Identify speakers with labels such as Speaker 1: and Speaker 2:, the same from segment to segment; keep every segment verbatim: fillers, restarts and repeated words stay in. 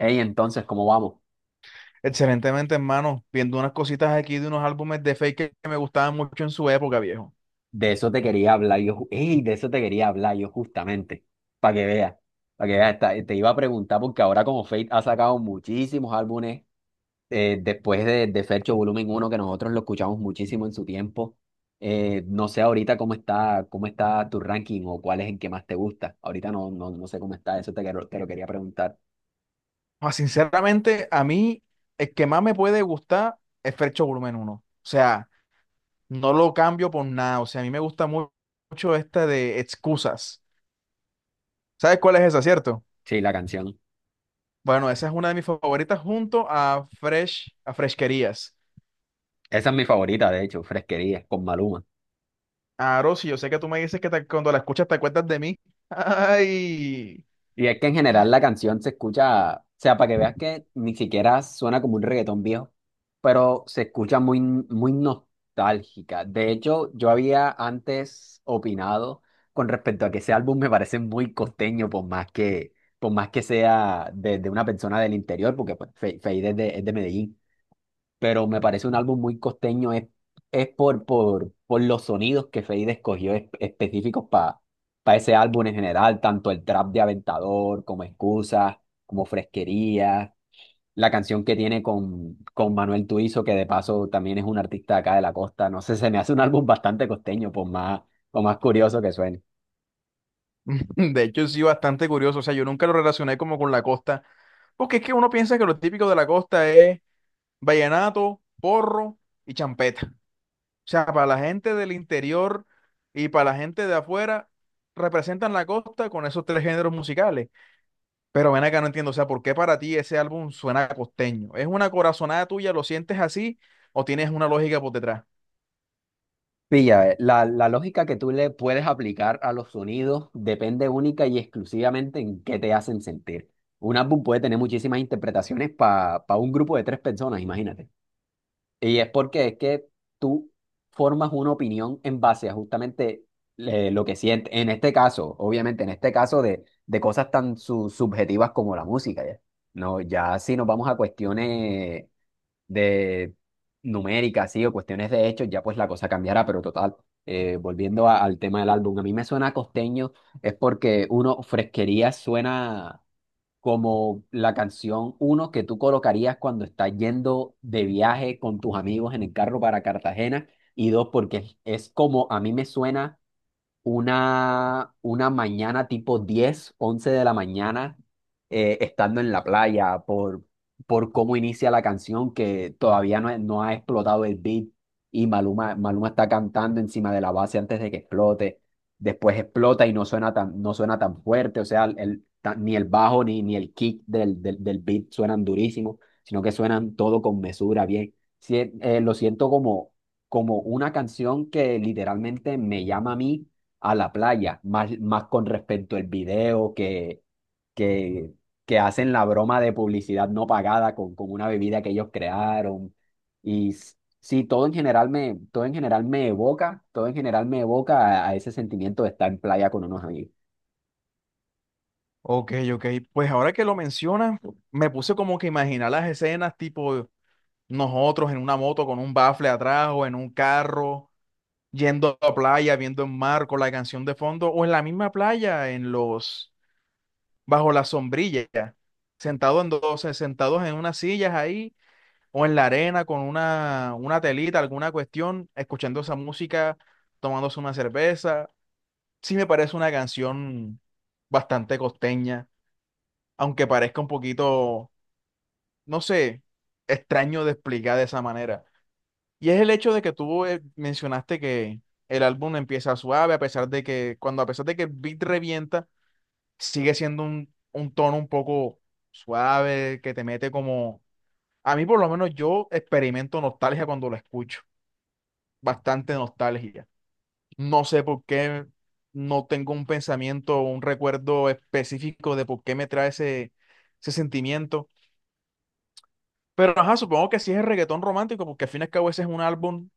Speaker 1: Ey, entonces, ¿cómo vamos?
Speaker 2: Excelentemente, hermano, viendo unas cositas aquí de unos álbumes de Fake que que me gustaban mucho en su época, viejo.
Speaker 1: De eso te quería hablar yo. ju- Ey, de eso te quería hablar yo justamente. Para que veas. Para que veas. esta- Te iba a preguntar porque ahora como Fate ha sacado muchísimos álbumes eh, después de, de Fercho Volumen uno, que nosotros lo escuchamos muchísimo en su tiempo. eh, no sé ahorita cómo está, cómo está, tu ranking, o cuál es el que más te gusta. Ahorita no, no, no sé cómo está. Eso te, quero- te lo quería preguntar.
Speaker 2: Ah, sinceramente, a mí el que más me puede gustar es Fercho Volumen uno. O sea, no lo cambio por nada. O sea, a mí me gusta mu- mucho esta de Excusas. ¿Sabes cuál es esa, cierto?
Speaker 1: Sí, la canción.
Speaker 2: Bueno, esa es una de mis favoritas junto a Fresh, a Fresquerías.
Speaker 1: Esa es mi favorita, de hecho, Fresquería, con Maluma.
Speaker 2: Ah, Rosy, yo sé que tú me dices que te- cuando la escuchas te acuerdas de mí. Ay.
Speaker 1: Y es que en general la canción se escucha, o sea, para que veas que ni siquiera suena como un reggaetón viejo, pero se escucha muy, muy nostálgica. De hecho, yo había antes opinado con respecto a que ese álbum me parece muy costeño, por más que, por más que sea de, de, una persona del interior, porque pues, Fe- Feid es de, es de Medellín, pero me parece un álbum muy costeño. Es, es, por, por, por los sonidos que Feid escogió es- específicos para ese álbum en general, tanto el trap de Aventador como Excusas, como Fresquería, la canción que tiene con, con Manuel Tuizo, que de paso también es un artista acá de la costa, no sé, se me hace un álbum bastante costeño, por más, por más curioso que suene.
Speaker 2: De hecho, sí, bastante curioso. O sea, yo nunca lo relacioné como con la costa, porque es que uno piensa que lo típico de la costa es vallenato, porro y champeta. O sea, para la gente del interior y para la gente de afuera, representan la costa con esos tres géneros musicales. Pero ven acá, no entiendo. O sea, ¿por qué para ti ese álbum suena costeño? ¿Es una corazonada tuya? ¿Lo sientes así? ¿O tienes una lógica por detrás?
Speaker 1: Pilla, eh, la, la lógica que tú le puedes aplicar a los sonidos depende única y exclusivamente en qué te hacen sentir. Un álbum puede tener muchísimas interpretaciones para un grupo de tres personas, imagínate. Y es porque es que tú formas una opinión en base a justamente eh, lo que sientes. En este caso, obviamente, en este caso de, de cosas tan su- subjetivas como la música, ¿ya? No, ya si nos vamos a cuestiones de numéricas, sí, o cuestiones de hechos, ya pues la cosa cambiará, pero total, eh, volviendo a- al tema del álbum, a mí me suena costeño. Es porque uno, Fresquería suena como la canción uno que tú colocarías cuando estás yendo de viaje con tus amigos en el carro para Cartagena; y dos, porque es, es, como a mí me suena una, una mañana tipo diez once de la mañana, eh, estando en la playa por, por, cómo inicia la canción, que todavía no, no ha explotado el beat, y Maluma, Maluma está cantando encima de la base antes de que explote. Después explota y no suena tan, no suena tan, fuerte. O sea, el, ta- ni el bajo ni, ni, el kick del, del, del beat suenan durísimo, sino que suenan todo con mesura, bien. Sí, eh, lo siento como, como una canción que literalmente me llama a mí a la playa, más, más con respecto al video que, que, que, hacen la broma de publicidad no pagada con, con una bebida que ellos crearon. Y s- sí, todo en general me, todo en general me evoca, todo en general me evoca a, a ese sentimiento de estar en playa con unos amigos.
Speaker 2: Ok, ok. Pues ahora que lo mencionas, me puse como que a imaginar las escenas tipo. Nosotros en una moto con un bafle atrás o en un carro, yendo a la playa, viendo el mar con la canción de fondo, o en la misma playa, en los, bajo la sombrilla, sentados en dos, sentados en unas sillas ahí, o en la arena con una, una telita, alguna cuestión, escuchando esa música, tomándose una cerveza. Sí me parece una canción bastante costeña, aunque parezca un poquito, no sé, extraño de explicar de esa manera. Y es el hecho de que tú eh, mencionaste que el álbum empieza suave, a pesar de que, cuando a pesar de que el beat revienta, sigue siendo un, un tono un poco suave, que te mete como, a mí por lo menos yo experimento nostalgia cuando lo escucho, bastante nostalgia. No sé por qué, no tengo un pensamiento o un recuerdo específico de por qué me trae ese, ese sentimiento. Pero ajá, supongo que sí es el reggaetón romántico, porque al fin y al cabo ese es un álbum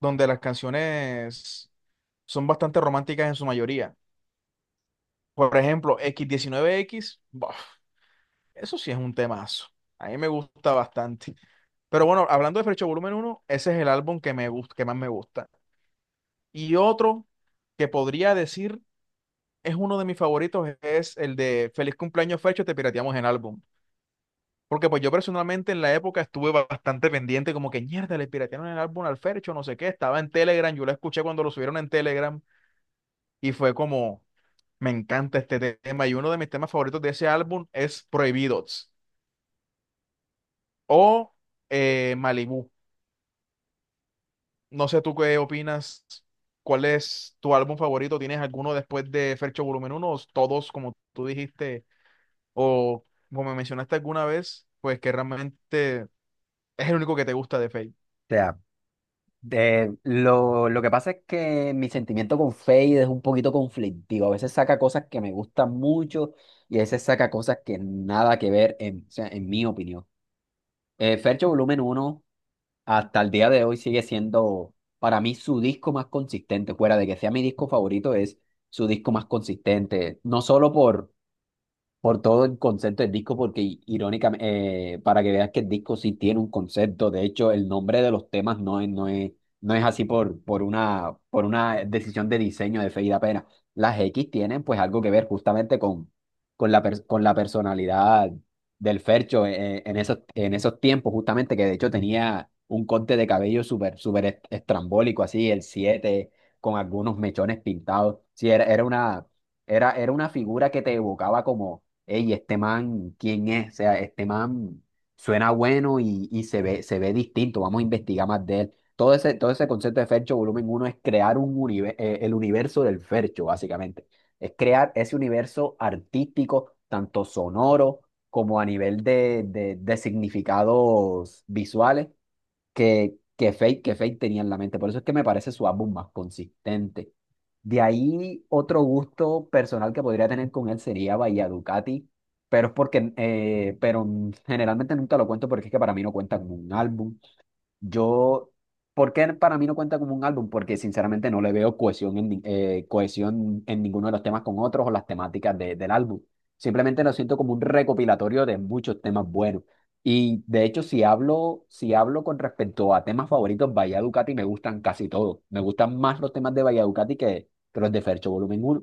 Speaker 2: donde las canciones son bastante románticas en su mayoría. Por ejemplo, x diecinueve x buf, eso sí es un temazo. A mí me gusta bastante. Pero bueno, hablando de Frecho Volumen Uno, ese es el álbum que me gusta, que más me gusta. Y otro que podría decir es uno de mis favoritos, es el de Feliz cumpleaños Frecho, te pirateamos el álbum. Porque pues yo personalmente en la época estuve bastante pendiente, como que mierda, le piratearon el álbum al Fercho, no sé qué, estaba en Telegram, yo lo escuché cuando lo subieron en Telegram y fue como, me encanta este tema. Y uno de mis temas favoritos de ese álbum es Prohibidos o eh, Malibú. No sé tú qué opinas, ¿cuál es tu álbum favorito? ¿Tienes alguno después de Fercho Volumen uno o todos, como tú dijiste, o como me mencionaste alguna vez, pues que realmente es el único que te gusta de Feid?
Speaker 1: O sea, de- lo, lo que pasa es que mi sentimiento con Fade es un poquito conflictivo. A veces saca cosas que me gustan mucho y a veces saca cosas que nada que ver en, o sea, en mi opinión. Eh, Fercho Volumen uno hasta el día de hoy sigue siendo para mí su disco más consistente; fuera de que sea mi disco favorito, es su disco más consistente, no solo por por todo el concepto del disco, porque i- irónicamente, eh, para que veas que el disco sí tiene un concepto. De hecho, el nombre de los temas no es, no es, no es así por, por una, por una decisión de diseño de Feid apenas. Las X tienen pues algo que ver justamente con, con la, pers- con la personalidad del Fercho eh, en esos, en esos tiempos, justamente, que de hecho tenía un corte de cabello súper, súper est- estrambólico, así, el siete, con algunos mechones pintados. Sí, era, era una... Era, era una figura que te evocaba: «Ey, este man, ¿quién es? O sea, este man suena bueno, y, y, se ve, se ve distinto. Vamos a investigar más de él». Todo ese, todo ese concepto de Fercho Volumen uno es crear un unive- eh, el universo del Fercho, básicamente. Es crear ese universo artístico, tanto sonoro como a nivel de, de, de, significados visuales, que, que Fate, que Fate tenía en la mente. Por eso es que me parece su álbum más consistente. De ahí, otro gusto personal que podría tener con él sería Bahía Ducati, pero es porque, eh, pero generalmente nunca lo cuento porque es que para mí no cuenta como un álbum. Yo, ¿por qué para mí no cuenta como un álbum? Porque sinceramente no le veo cohesión en, ni- eh, cohesión en ninguno de los temas con otros, o las temáticas de- del álbum. Simplemente lo siento como un recopilatorio de muchos temas buenos. Y de hecho, si hablo, si hablo, con respecto a temas favoritos, Bahía Ducati, me gustan casi todos. Me gustan más los temas de Bahía Ducati que, que los de Fercho Volumen Uno,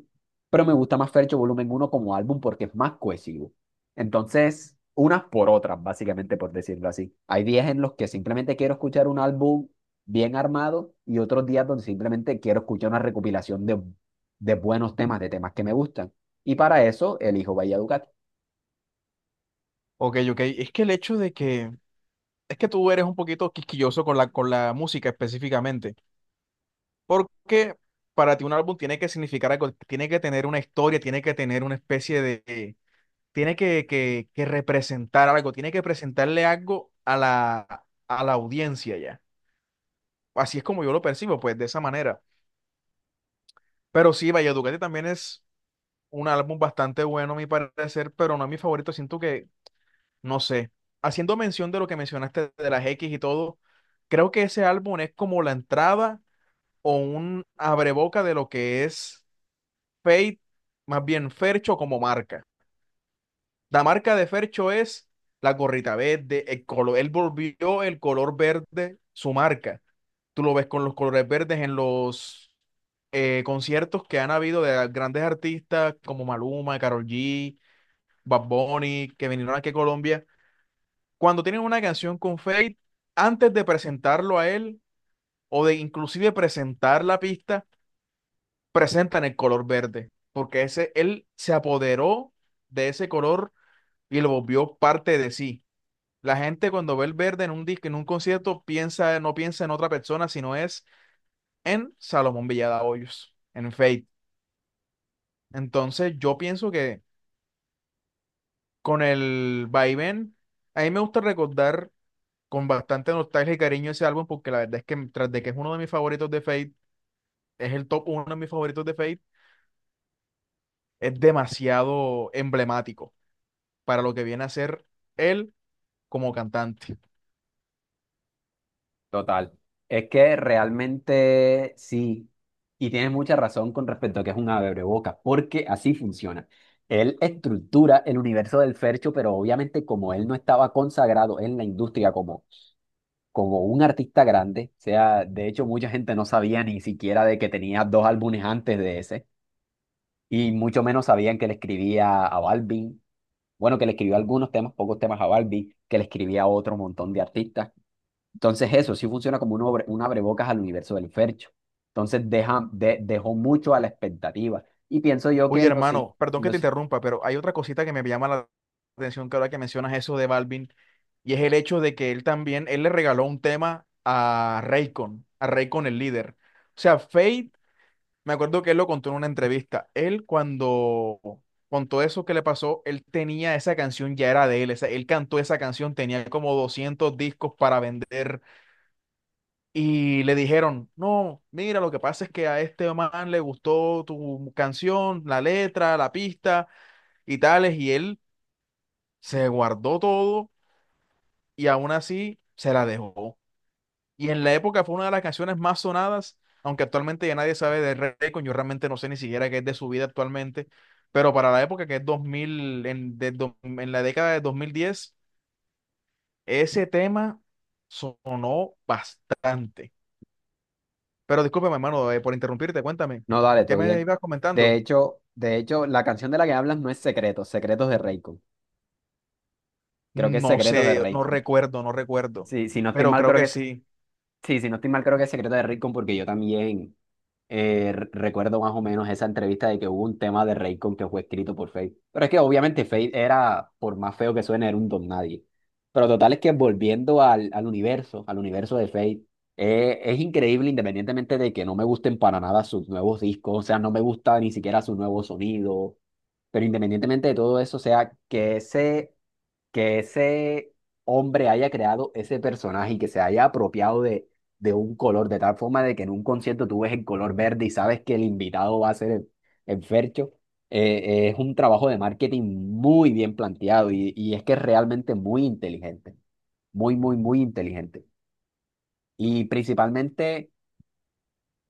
Speaker 1: pero me gusta más Fercho Volumen Uno como álbum porque es más cohesivo. Entonces, unas por otras, básicamente, por decirlo así. Hay días en los que simplemente quiero escuchar un álbum bien armado, y otros días donde simplemente quiero escuchar una recopilación de, de, buenos temas, de temas que me gustan. Y para eso elijo Valledupar.
Speaker 2: Ok, ok. Es que el hecho de que, Es que tú eres un poquito quisquilloso con la, con la música específicamente. Porque para ti un álbum tiene que significar algo, tiene que tener una historia, tiene que tener una especie de, tiene que, que, que representar algo, tiene que presentarle algo a la, a la audiencia ya. Así es como yo lo percibo, pues de esa manera. Pero sí, Valleduparte también es un álbum bastante bueno, a mi parecer, pero no es mi favorito. Siento que, no sé, haciendo mención de lo que mencionaste de las X y todo, creo que ese álbum es como la entrada o un abreboca de lo que es Fate, más bien Fercho como marca. La marca de Fercho es la gorrita verde, el color, él volvió el color verde su marca. Tú lo ves con los colores verdes en los eh, conciertos que han habido de grandes artistas como Maluma, Karol G, Bad Bunny, que vinieron aquí a Colombia. Cuando tienen una canción con Fate, antes de presentarlo a él o de inclusive presentar la pista, presentan el color verde, porque ese él se apoderó de ese color y lo volvió parte de sí. La gente cuando ve el verde en un disco, en un concierto, piensa, no piensa en otra persona, sino es en Salomón Villada Hoyos, en Fate. Entonces yo pienso que con el vaivén, a mí me gusta recordar con bastante nostalgia y cariño ese álbum porque la verdad es que tras de que es uno de mis favoritos de Fate, es el top uno de mis favoritos de Fate, es demasiado emblemático para lo que viene a ser él como cantante.
Speaker 1: Total. Es que realmente sí, y tienes mucha razón con respecto a que es un abreboca, porque así funciona. Él estructura el universo del Fercho, pero obviamente, como él no estaba consagrado en la industria como como un artista grande, o sea, de hecho mucha gente no sabía ni siquiera de que tenía dos álbumes antes de ese, y mucho menos sabían que le escribía a Balvin, bueno, que le escribió algunos temas, pocos temas, a Balvin, que le escribía a otro montón de artistas. Entonces eso sí funciona como un, obre- un abrebocas al universo del Fercho. Entonces deja, de- dejó mucho a la expectativa. Y pienso yo que
Speaker 2: Oye,
Speaker 1: en los, si-
Speaker 2: hermano, perdón que te
Speaker 1: los...
Speaker 2: interrumpa, pero hay otra cosita que me llama la atención que ahora que mencionas eso de Balvin, y es el hecho de que él también, él le regaló un tema a Raycon, a Raycon el líder. O sea, Fade, me acuerdo que él lo contó en una entrevista. Él cuando contó eso que le pasó, él tenía esa canción, ya era de él, esa- él cantó esa canción, tenía como doscientos discos para vender. Y le dijeron, no, mira, lo que pasa es que a este man le gustó tu canción, la letra, la pista, y tales, y él se guardó todo y aún así se la dejó. Y en la época fue una de las canciones más sonadas, aunque actualmente ya nadie sabe de Raycon, yo realmente no sé ni siquiera qué es de su vida actualmente, pero para la época que es dos mil en, de do- en la década de dos mil diez ese tema sonó bastante. Pero discúlpame, hermano, eh, por interrumpirte, cuéntame,
Speaker 1: No, dale,
Speaker 2: ¿qué
Speaker 1: todo
Speaker 2: me
Speaker 1: bien.
Speaker 2: ibas
Speaker 1: De
Speaker 2: comentando?
Speaker 1: hecho, de hecho, la canción de la que hablas no es Secretos, Secretos de Raycon. Creo que es
Speaker 2: No
Speaker 1: Secretos de
Speaker 2: sé, no
Speaker 1: Raycon.
Speaker 2: recuerdo, no recuerdo,
Speaker 1: Sí, si no estoy
Speaker 2: pero
Speaker 1: mal,
Speaker 2: creo
Speaker 1: creo que
Speaker 2: que
Speaker 1: es,
Speaker 2: sí.
Speaker 1: sí, si no estoy mal, creo que es Secreto de Raycon, porque yo también eh, re- recuerdo más o menos esa entrevista de que hubo un tema de Raycon que fue escrito por Fate. Pero es que obviamente Fate era, por más feo que suene, era un don nadie. Pero total es que volviendo al, al universo, al universo de Fate, eh, es increíble independientemente de que no me gusten para nada sus nuevos discos, o sea, no me gusta ni siquiera su nuevo sonido. Pero independientemente de todo eso, o sea, que ese que ese hombre haya creado ese personaje y que se haya apropiado de, de, un color, de tal forma de que en un concierto tú ves el color verde y sabes que el invitado va a ser el, el, Fercho. Eh, eh, es un trabajo de marketing muy bien planteado, y, y es que es realmente muy inteligente, muy, muy, muy inteligente. Y principalmente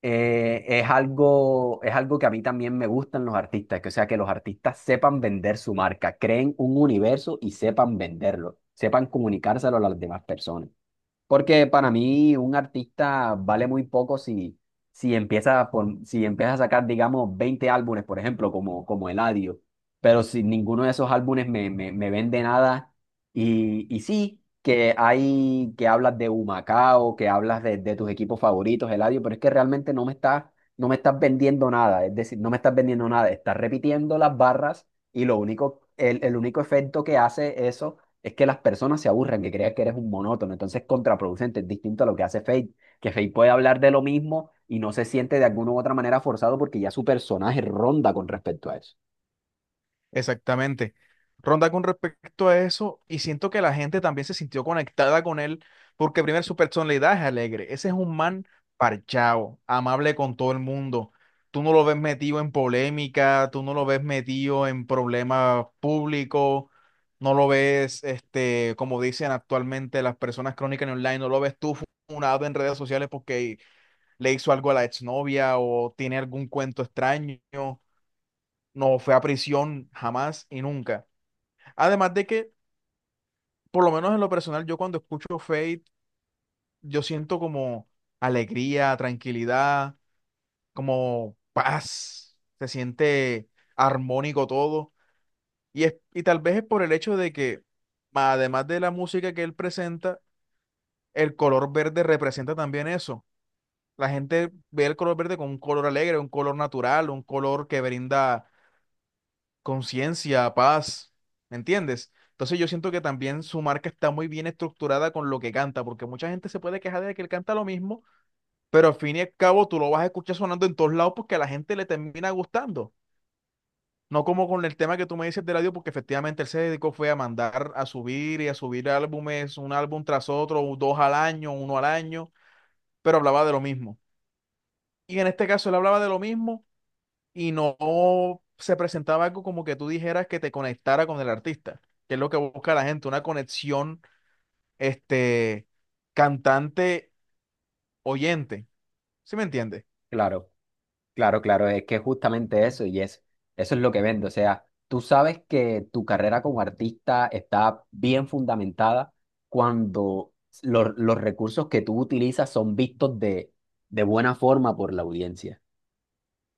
Speaker 1: eh, es algo, es algo que a mí también me gustan los artistas, que, o sea, que los artistas sepan vender su marca, creen un universo y sepan venderlo, sepan comunicárselo a las demás personas. Porque para mí un artista vale muy poco si, si empieza por si empieza a sacar, digamos, veinte álbumes, por ejemplo, como, como, Eladio. Pero si ninguno de esos álbumes me, me, me vende nada. Y, y sí, que hay, que hablas de Humacao, que hablas de, de, tus equipos favoritos, Eladio, pero es que realmente no me estás, no me estás vendiendo nada. Es decir, no me estás vendiendo nada. Estás repitiendo las barras, y lo único, el, el único efecto que hace eso es que las personas se aburren, que crean que eres un monótono, entonces es contraproducente. Es distinto a lo que hace Fate, que Fate puede hablar de lo mismo y no se siente de alguna u otra manera forzado, porque ya su personaje ronda con respecto a eso.
Speaker 2: Exactamente. Ronda con respecto a eso, y siento que la gente también se sintió conectada con él, porque primero su personalidad es alegre. Ese es un man parchado, amable con todo el mundo. Tú no lo ves metido en polémica, tú no lo ves metido en problemas públicos, no lo ves, este, como dicen actualmente las personas crónicas en online, no lo ves tú funado en redes sociales porque le hizo algo a la exnovia o tiene algún cuento extraño, no fue a prisión jamás y nunca. Además de que, por lo menos en lo personal, yo cuando escucho Fate, yo siento como alegría, tranquilidad, como paz, se siente armónico todo. Y, es, y tal vez es por el hecho de que, además de la música que él presenta, el color verde representa también eso. La gente ve el color verde como un color alegre, un color natural, un color que brinda conciencia, paz, ¿me entiendes? Entonces yo siento que también su marca está muy bien estructurada con lo que canta, porque mucha gente se puede quejar de que él canta lo mismo, pero al fin y al cabo tú lo vas a escuchar sonando en todos lados porque a la gente le termina gustando. No como con el tema que tú me dices del audio, porque efectivamente él se dedicó fue a mandar a subir y a subir álbumes, un álbum tras otro, dos al año, uno al año, pero hablaba de lo mismo. Y en este caso él hablaba de lo mismo y no se presentaba algo como que tú dijeras que te conectara con el artista, que es lo que busca la gente, una conexión, este, cantante-oyente. ¿Sí me entiendes?
Speaker 1: Claro. Claro, claro, es que justamente eso, y es, eso es lo que vende. O sea, tú sabes que tu carrera como artista está bien fundamentada cuando los, los, recursos que tú utilizas son vistos de, de buena forma por la audiencia.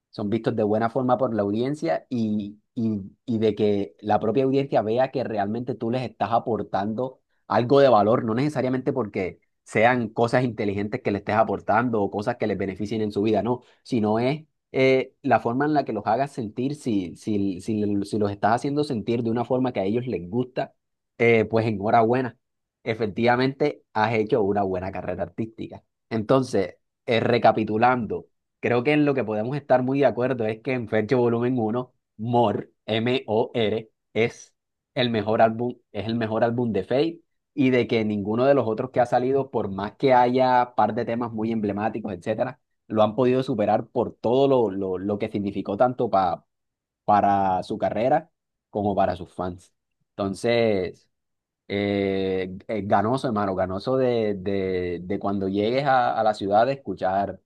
Speaker 1: Son vistos de buena forma por la audiencia, y, y, y de que la propia audiencia vea que realmente tú les estás aportando algo de valor, no necesariamente porque sean cosas inteligentes que le estés aportando o cosas que les beneficien en su vida, no, sino es eh, la forma en la que los hagas sentir; si, si, si, si, los estás haciendo sentir de una forma que a ellos les gusta, eh, pues enhorabuena. Efectivamente, has hecho una buena carrera artística. Entonces, eh, recapitulando. Creo que en lo que podemos estar muy de acuerdo es que en Fercho Volumen uno, More, M O R, es el mejor álbum, es el mejor álbum, de Fate, y de que ninguno de los otros que ha salido, por más que haya par de temas muy emblemáticos, etcétera, lo han podido superar, por todo lo, lo, lo, que significó tanto pa- para su carrera como para sus fans. Entonces, eh, eh, ganoso, hermano, ganoso de, de, de, cuando llegues a, a la ciudad, de escuchar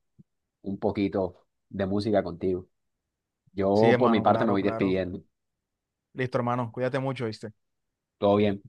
Speaker 1: un poquito de música contigo.
Speaker 2: Sí,
Speaker 1: Yo por mi
Speaker 2: hermano,
Speaker 1: parte me
Speaker 2: claro,
Speaker 1: voy
Speaker 2: claro.
Speaker 1: despidiendo.
Speaker 2: Listo, hermano, cuídate mucho, ¿viste?
Speaker 1: Todo bien.